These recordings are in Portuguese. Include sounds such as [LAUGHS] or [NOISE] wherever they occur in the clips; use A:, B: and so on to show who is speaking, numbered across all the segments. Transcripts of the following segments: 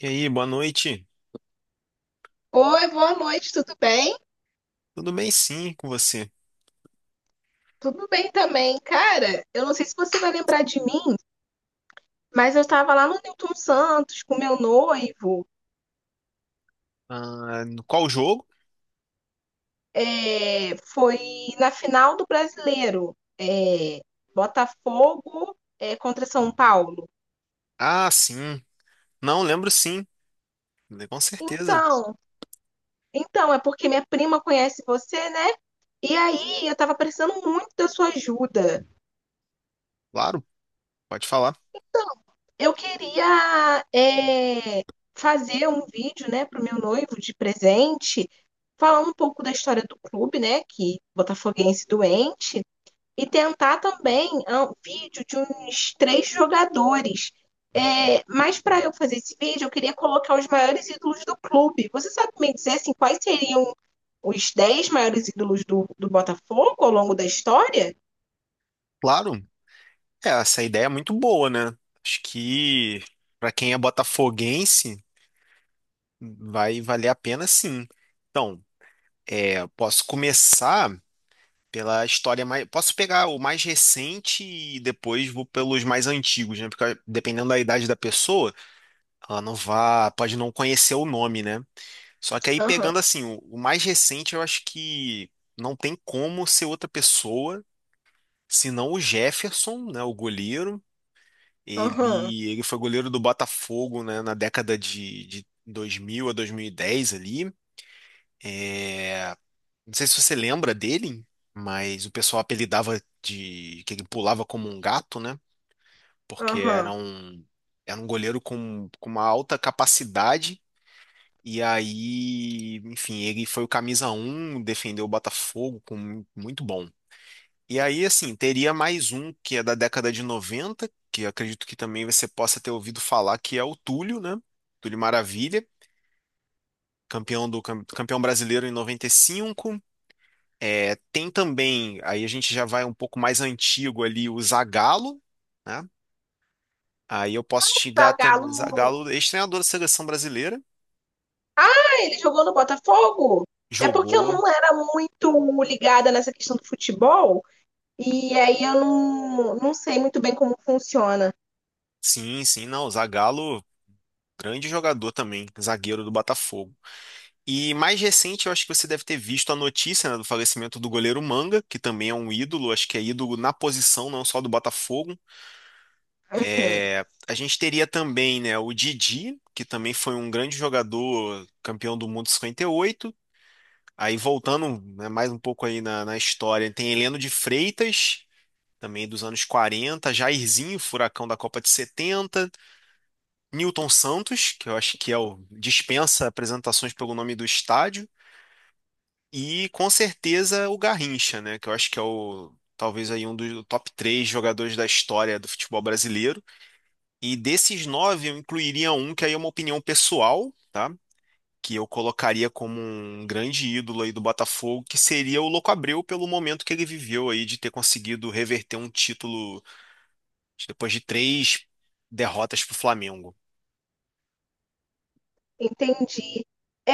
A: E aí, boa noite.
B: Oi, boa noite, tudo bem?
A: Tudo bem, sim, com você?
B: Tudo bem também. Cara, eu não sei se você vai lembrar de mim, mas eu estava lá no Newton Santos com meu noivo.
A: Ah, no qual jogo?
B: Foi na final do Brasileiro, Botafogo, contra São Paulo.
A: Ah, sim. Não, lembro sim. Com certeza.
B: Então, então, é porque minha prima conhece você, né? E aí, eu estava precisando muito da sua ajuda.
A: Claro, pode falar.
B: Eu queria fazer um vídeo, né, para o meu noivo de presente, falar um pouco da história do clube, né, que botafoguense doente, e tentar também um vídeo de uns três jogadores. Mas para eu fazer esse vídeo, eu queria colocar os maiores ídolos do clube. Você sabe me dizer assim, quais seriam os 10 maiores ídolos do Botafogo ao longo da história?
A: Claro. É, essa ideia é muito boa, né? Acho que para quem é botafoguense, vai valer a pena sim. Então, é, posso começar pela história mais. Posso pegar o mais recente e depois vou pelos mais antigos, né? Porque dependendo da idade da pessoa, ela não vá, pode não conhecer o nome, né? Só que aí
B: Aham,
A: pegando assim, o mais recente, eu acho que não tem como ser outra pessoa, senão o Jefferson, né, o goleiro.
B: aham,
A: Ele foi goleiro do Botafogo, né, na década de 2000 a 2010 ali. Não sei se você lembra dele, mas o pessoal apelidava de que ele pulava como um gato, né? Porque
B: aham.
A: era um goleiro com uma alta capacidade. E aí, enfim, ele foi o camisa um, defendeu o Botafogo com muito bom. E aí, assim, teria mais um que é da década de 90 que acredito que também você possa ter ouvido falar, que é o Túlio, né? Túlio Maravilha, campeão do campeão brasileiro em 95. É, tem também, aí a gente já vai um pouco mais antigo ali, o Zagallo, né? Aí eu posso te dar também,
B: Zagallo,
A: Zagallo, ex-treinador da seleção brasileira,
B: ele jogou no Botafogo. É porque eu
A: jogou.
B: não era muito ligada nessa questão do futebol, e aí eu não, sei muito bem como funciona.
A: Sim, sim, não, o Zagallo, grande jogador também, zagueiro do Botafogo. E mais recente, eu acho que você deve ter visto a notícia, né, do falecimento do goleiro Manga, que também é um ídolo, acho que é ídolo na posição, não só do Botafogo.
B: Uhum.
A: É, a gente teria também, né, o Didi, que também foi um grande jogador, campeão do mundo em 58. Aí voltando, né, mais um pouco aí na história, tem Heleno de Freitas, também dos anos 40, Jairzinho, furacão da Copa de 70. Newton Santos, que eu acho que é o dispensa apresentações pelo nome do estádio, e com certeza o Garrincha, né, que eu acho que é o talvez aí um dos top três jogadores da história do futebol brasileiro. E desses nove eu incluiria um que aí é uma opinião pessoal, tá? Que eu colocaria como um grande ídolo aí do Botafogo, que seria o Louco Abreu pelo momento que ele viveu aí de ter conseguido reverter um título depois de três derrotas para o Flamengo.
B: Entendi. É,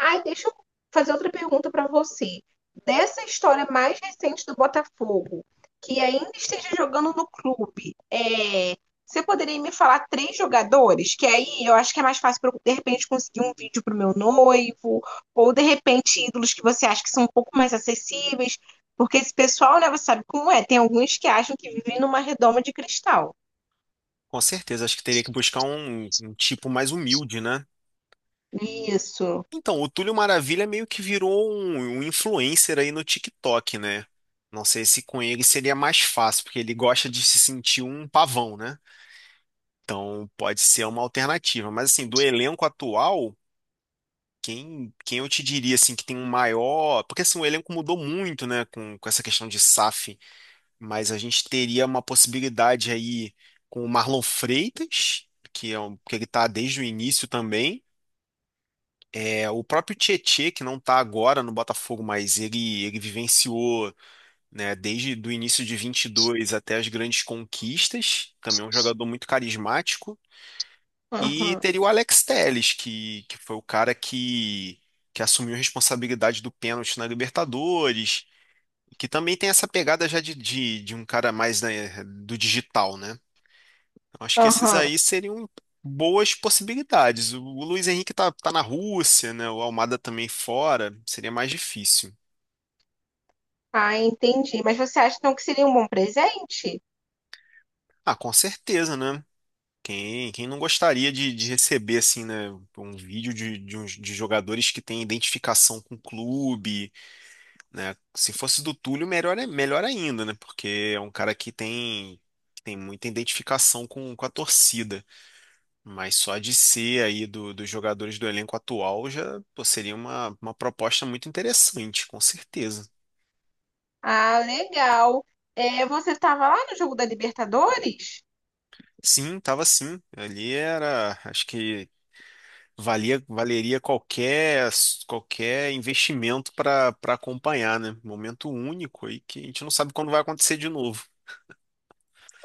B: ai, deixa eu fazer outra pergunta para você. Dessa história mais recente do Botafogo, que ainda esteja jogando no clube, você poderia me falar três jogadores? Que aí eu acho que é mais fácil para eu, de repente, conseguir um vídeo para o meu noivo, ou de repente ídolos que você acha que são um pouco mais acessíveis, porque esse pessoal, né, você sabe como é, tem alguns que acham que vivem numa redoma de cristal.
A: Com certeza, acho que teria que buscar um tipo mais humilde, né?
B: Isso.
A: Então, o Túlio Maravilha meio que virou um influencer aí no TikTok, né? Não sei se com ele seria mais fácil, porque ele gosta de se sentir um pavão, né? Então, pode ser uma alternativa. Mas, assim, do elenco atual, quem eu te diria, assim, que tem um maior... Porque, assim, o elenco mudou muito, né? Com essa questão de SAF. Mas a gente teria uma possibilidade aí com o Marlon Freitas, que é um, que ele tá desde o início também. É, o próprio Tietê, que não está agora no Botafogo, mas ele vivenciou, né, desde do início de 22 até as grandes conquistas, também é um jogador muito carismático. E
B: Aham,
A: teria o Alex Telles, que foi o cara que assumiu a responsabilidade do pênalti na Libertadores, que também tem essa pegada já de um cara mais, né, do digital, né? Acho que esses
B: aham.
A: aí seriam boas possibilidades. O Luiz Henrique tá, tá na Rússia, né? O Almada também fora. Seria mais difícil.
B: Ah, entendi. Mas você acha então que seria um bom presente?
A: Ah, com certeza, né? Quem não gostaria de receber, assim, né? Um vídeo de, de jogadores que têm identificação com o clube, né? Se fosse do Túlio, melhor, melhor ainda, né? Porque é um cara que tem muita identificação com a torcida. Mas só de ser aí dos jogadores do elenco atual já pô, seria uma proposta muito interessante, com certeza.
B: Ah, legal. É, você estava lá no jogo da Libertadores?
A: Sim, tava sim. Ali era, acho que valia, valeria qualquer qualquer investimento para para acompanhar, né? Momento único aí que a gente não sabe quando vai acontecer de novo.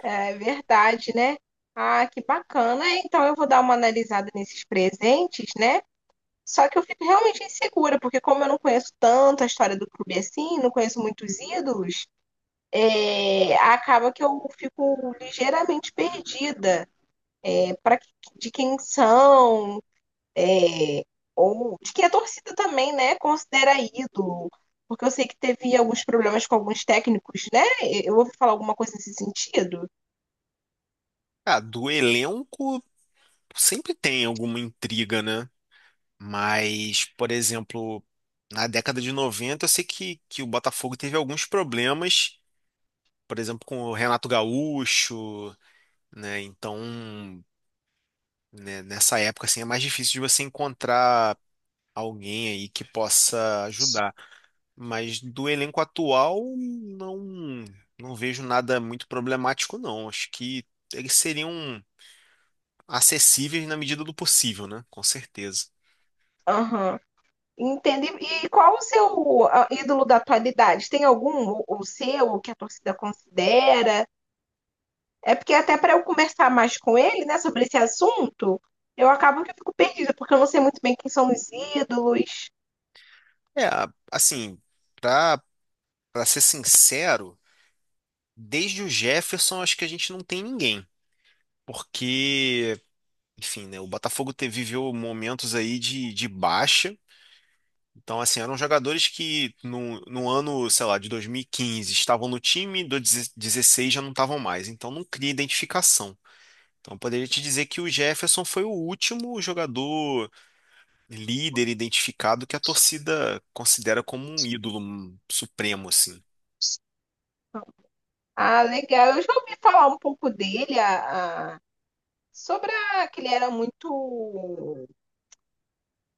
B: É verdade, né? Ah, que bacana. É, então eu vou dar uma analisada nesses presentes, né? Só que eu fico realmente insegura, porque como eu não conheço tanto a história do clube assim, não conheço muitos ídolos, é, acaba que eu fico ligeiramente perdida. Para de quem são? É, ou de que a torcida também, né, considera ídolo, porque eu sei que teve alguns problemas com alguns técnicos, né? Eu ouvi falar alguma coisa nesse sentido.
A: Ah, do elenco sempre tem alguma intriga, né? Mas, por exemplo, na década de 90, eu sei que o Botafogo teve alguns problemas, por exemplo, com o Renato Gaúcho, né? Então, né, nessa época assim é mais difícil de você encontrar alguém aí que possa ajudar. Mas do elenco atual, não vejo nada muito problemático, não. Acho que eles seriam acessíveis na medida do possível, né? Com certeza.
B: Aham. Entende? E qual o seu ídolo da atualidade? Tem algum, ou seu, que a torcida considera? É porque até para eu conversar mais com ele, né, sobre esse assunto, eu acabo que eu fico perdida, porque eu não sei muito bem quem são os ídolos.
A: É, assim, pra, pra ser sincero, desde o Jefferson acho que a gente não tem ninguém. Porque, enfim, né? O Botafogo viveu momentos aí de baixa. Então, assim, eram jogadores que no ano, sei lá, de 2015 estavam no time, do 16 já não estavam mais. Então, não cria identificação. Então, eu poderia te dizer que o Jefferson foi o último jogador líder identificado que a torcida considera como um ídolo um supremo, assim.
B: Ah, legal. Eu já ouvi falar um pouco dele, a, sobre que ele era muito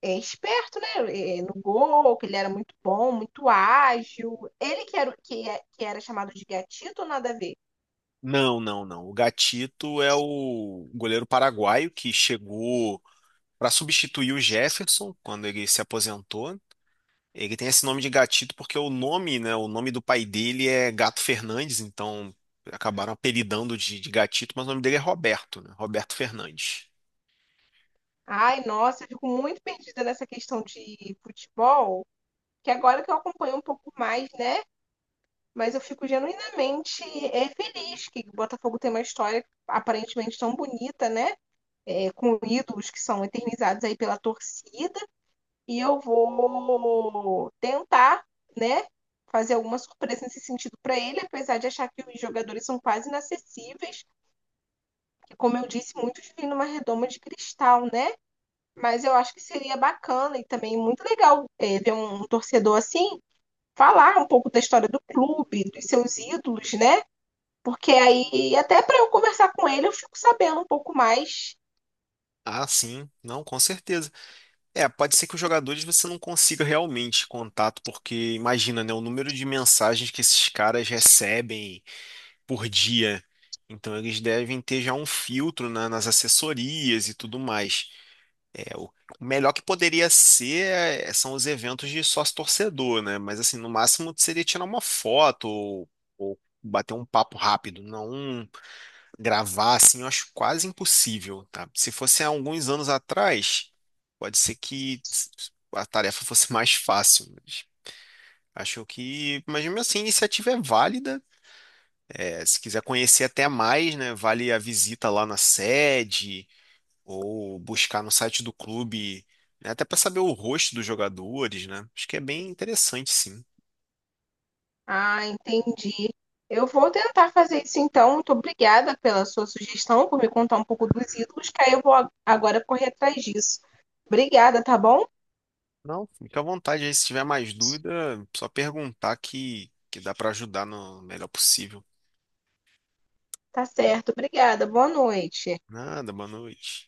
B: esperto, né? No gol, que ele era muito bom, muito ágil. Ele que era que era chamado de gatito, ou nada a ver.
A: Não, não, não. O Gatito é o goleiro paraguaio que chegou para substituir o Jefferson quando ele se aposentou. Ele tem esse nome de gatito porque o nome, né, o nome do pai dele é Gato Fernandes, então acabaram apelidando de gatito, mas o nome dele é Roberto, né, Roberto Fernandes.
B: Ai, nossa, eu fico muito perdida nessa questão de futebol, que agora que eu acompanho um pouco mais, né? Mas eu fico genuinamente feliz que o Botafogo tem uma história aparentemente tão bonita, né? É, com ídolos que são eternizados aí pela torcida. E eu vou tentar, né, fazer alguma surpresa nesse sentido para ele, apesar de achar que os jogadores são quase inacessíveis, que, como eu disse, muitos vêm numa redoma de cristal, né? Mas eu acho que seria bacana e também muito legal ver um torcedor assim falar um pouco da história do clube, dos seus ídolos, né? Porque aí, até para eu conversar com ele, eu fico sabendo um pouco mais.
A: Ah, sim, não, com certeza. É, pode ser que os jogadores você não consiga realmente contato, porque imagina, né, o número de mensagens que esses caras recebem por dia. Então eles devem ter já um filtro, né, nas assessorias e tudo mais. É, o melhor que poderia ser é, são os eventos de sócio-torcedor, né? Mas assim, no máximo seria tirar uma foto ou bater um papo rápido, não um gravar assim, eu acho quase impossível, tá? Se fosse há alguns anos atrás, pode ser que a tarefa fosse [LAUGHS] mais fácil, mas acho que, mas mesmo assim, a iniciativa é válida. É, se quiser conhecer até mais, né? Vale a visita lá na sede ou buscar no site do clube, né, até para saber o rosto dos jogadores, né? Acho que é bem interessante, sim.
B: Ah, entendi. Eu vou tentar fazer isso então. Muito obrigada pela sua sugestão, por me contar um pouco dos ídolos, que aí eu vou agora correr atrás disso. Obrigada, tá bom?
A: Não, fica à vontade aí, se tiver mais dúvida, só perguntar que dá para ajudar no melhor possível.
B: Tá certo, obrigada. Boa noite.
A: Nada, boa noite.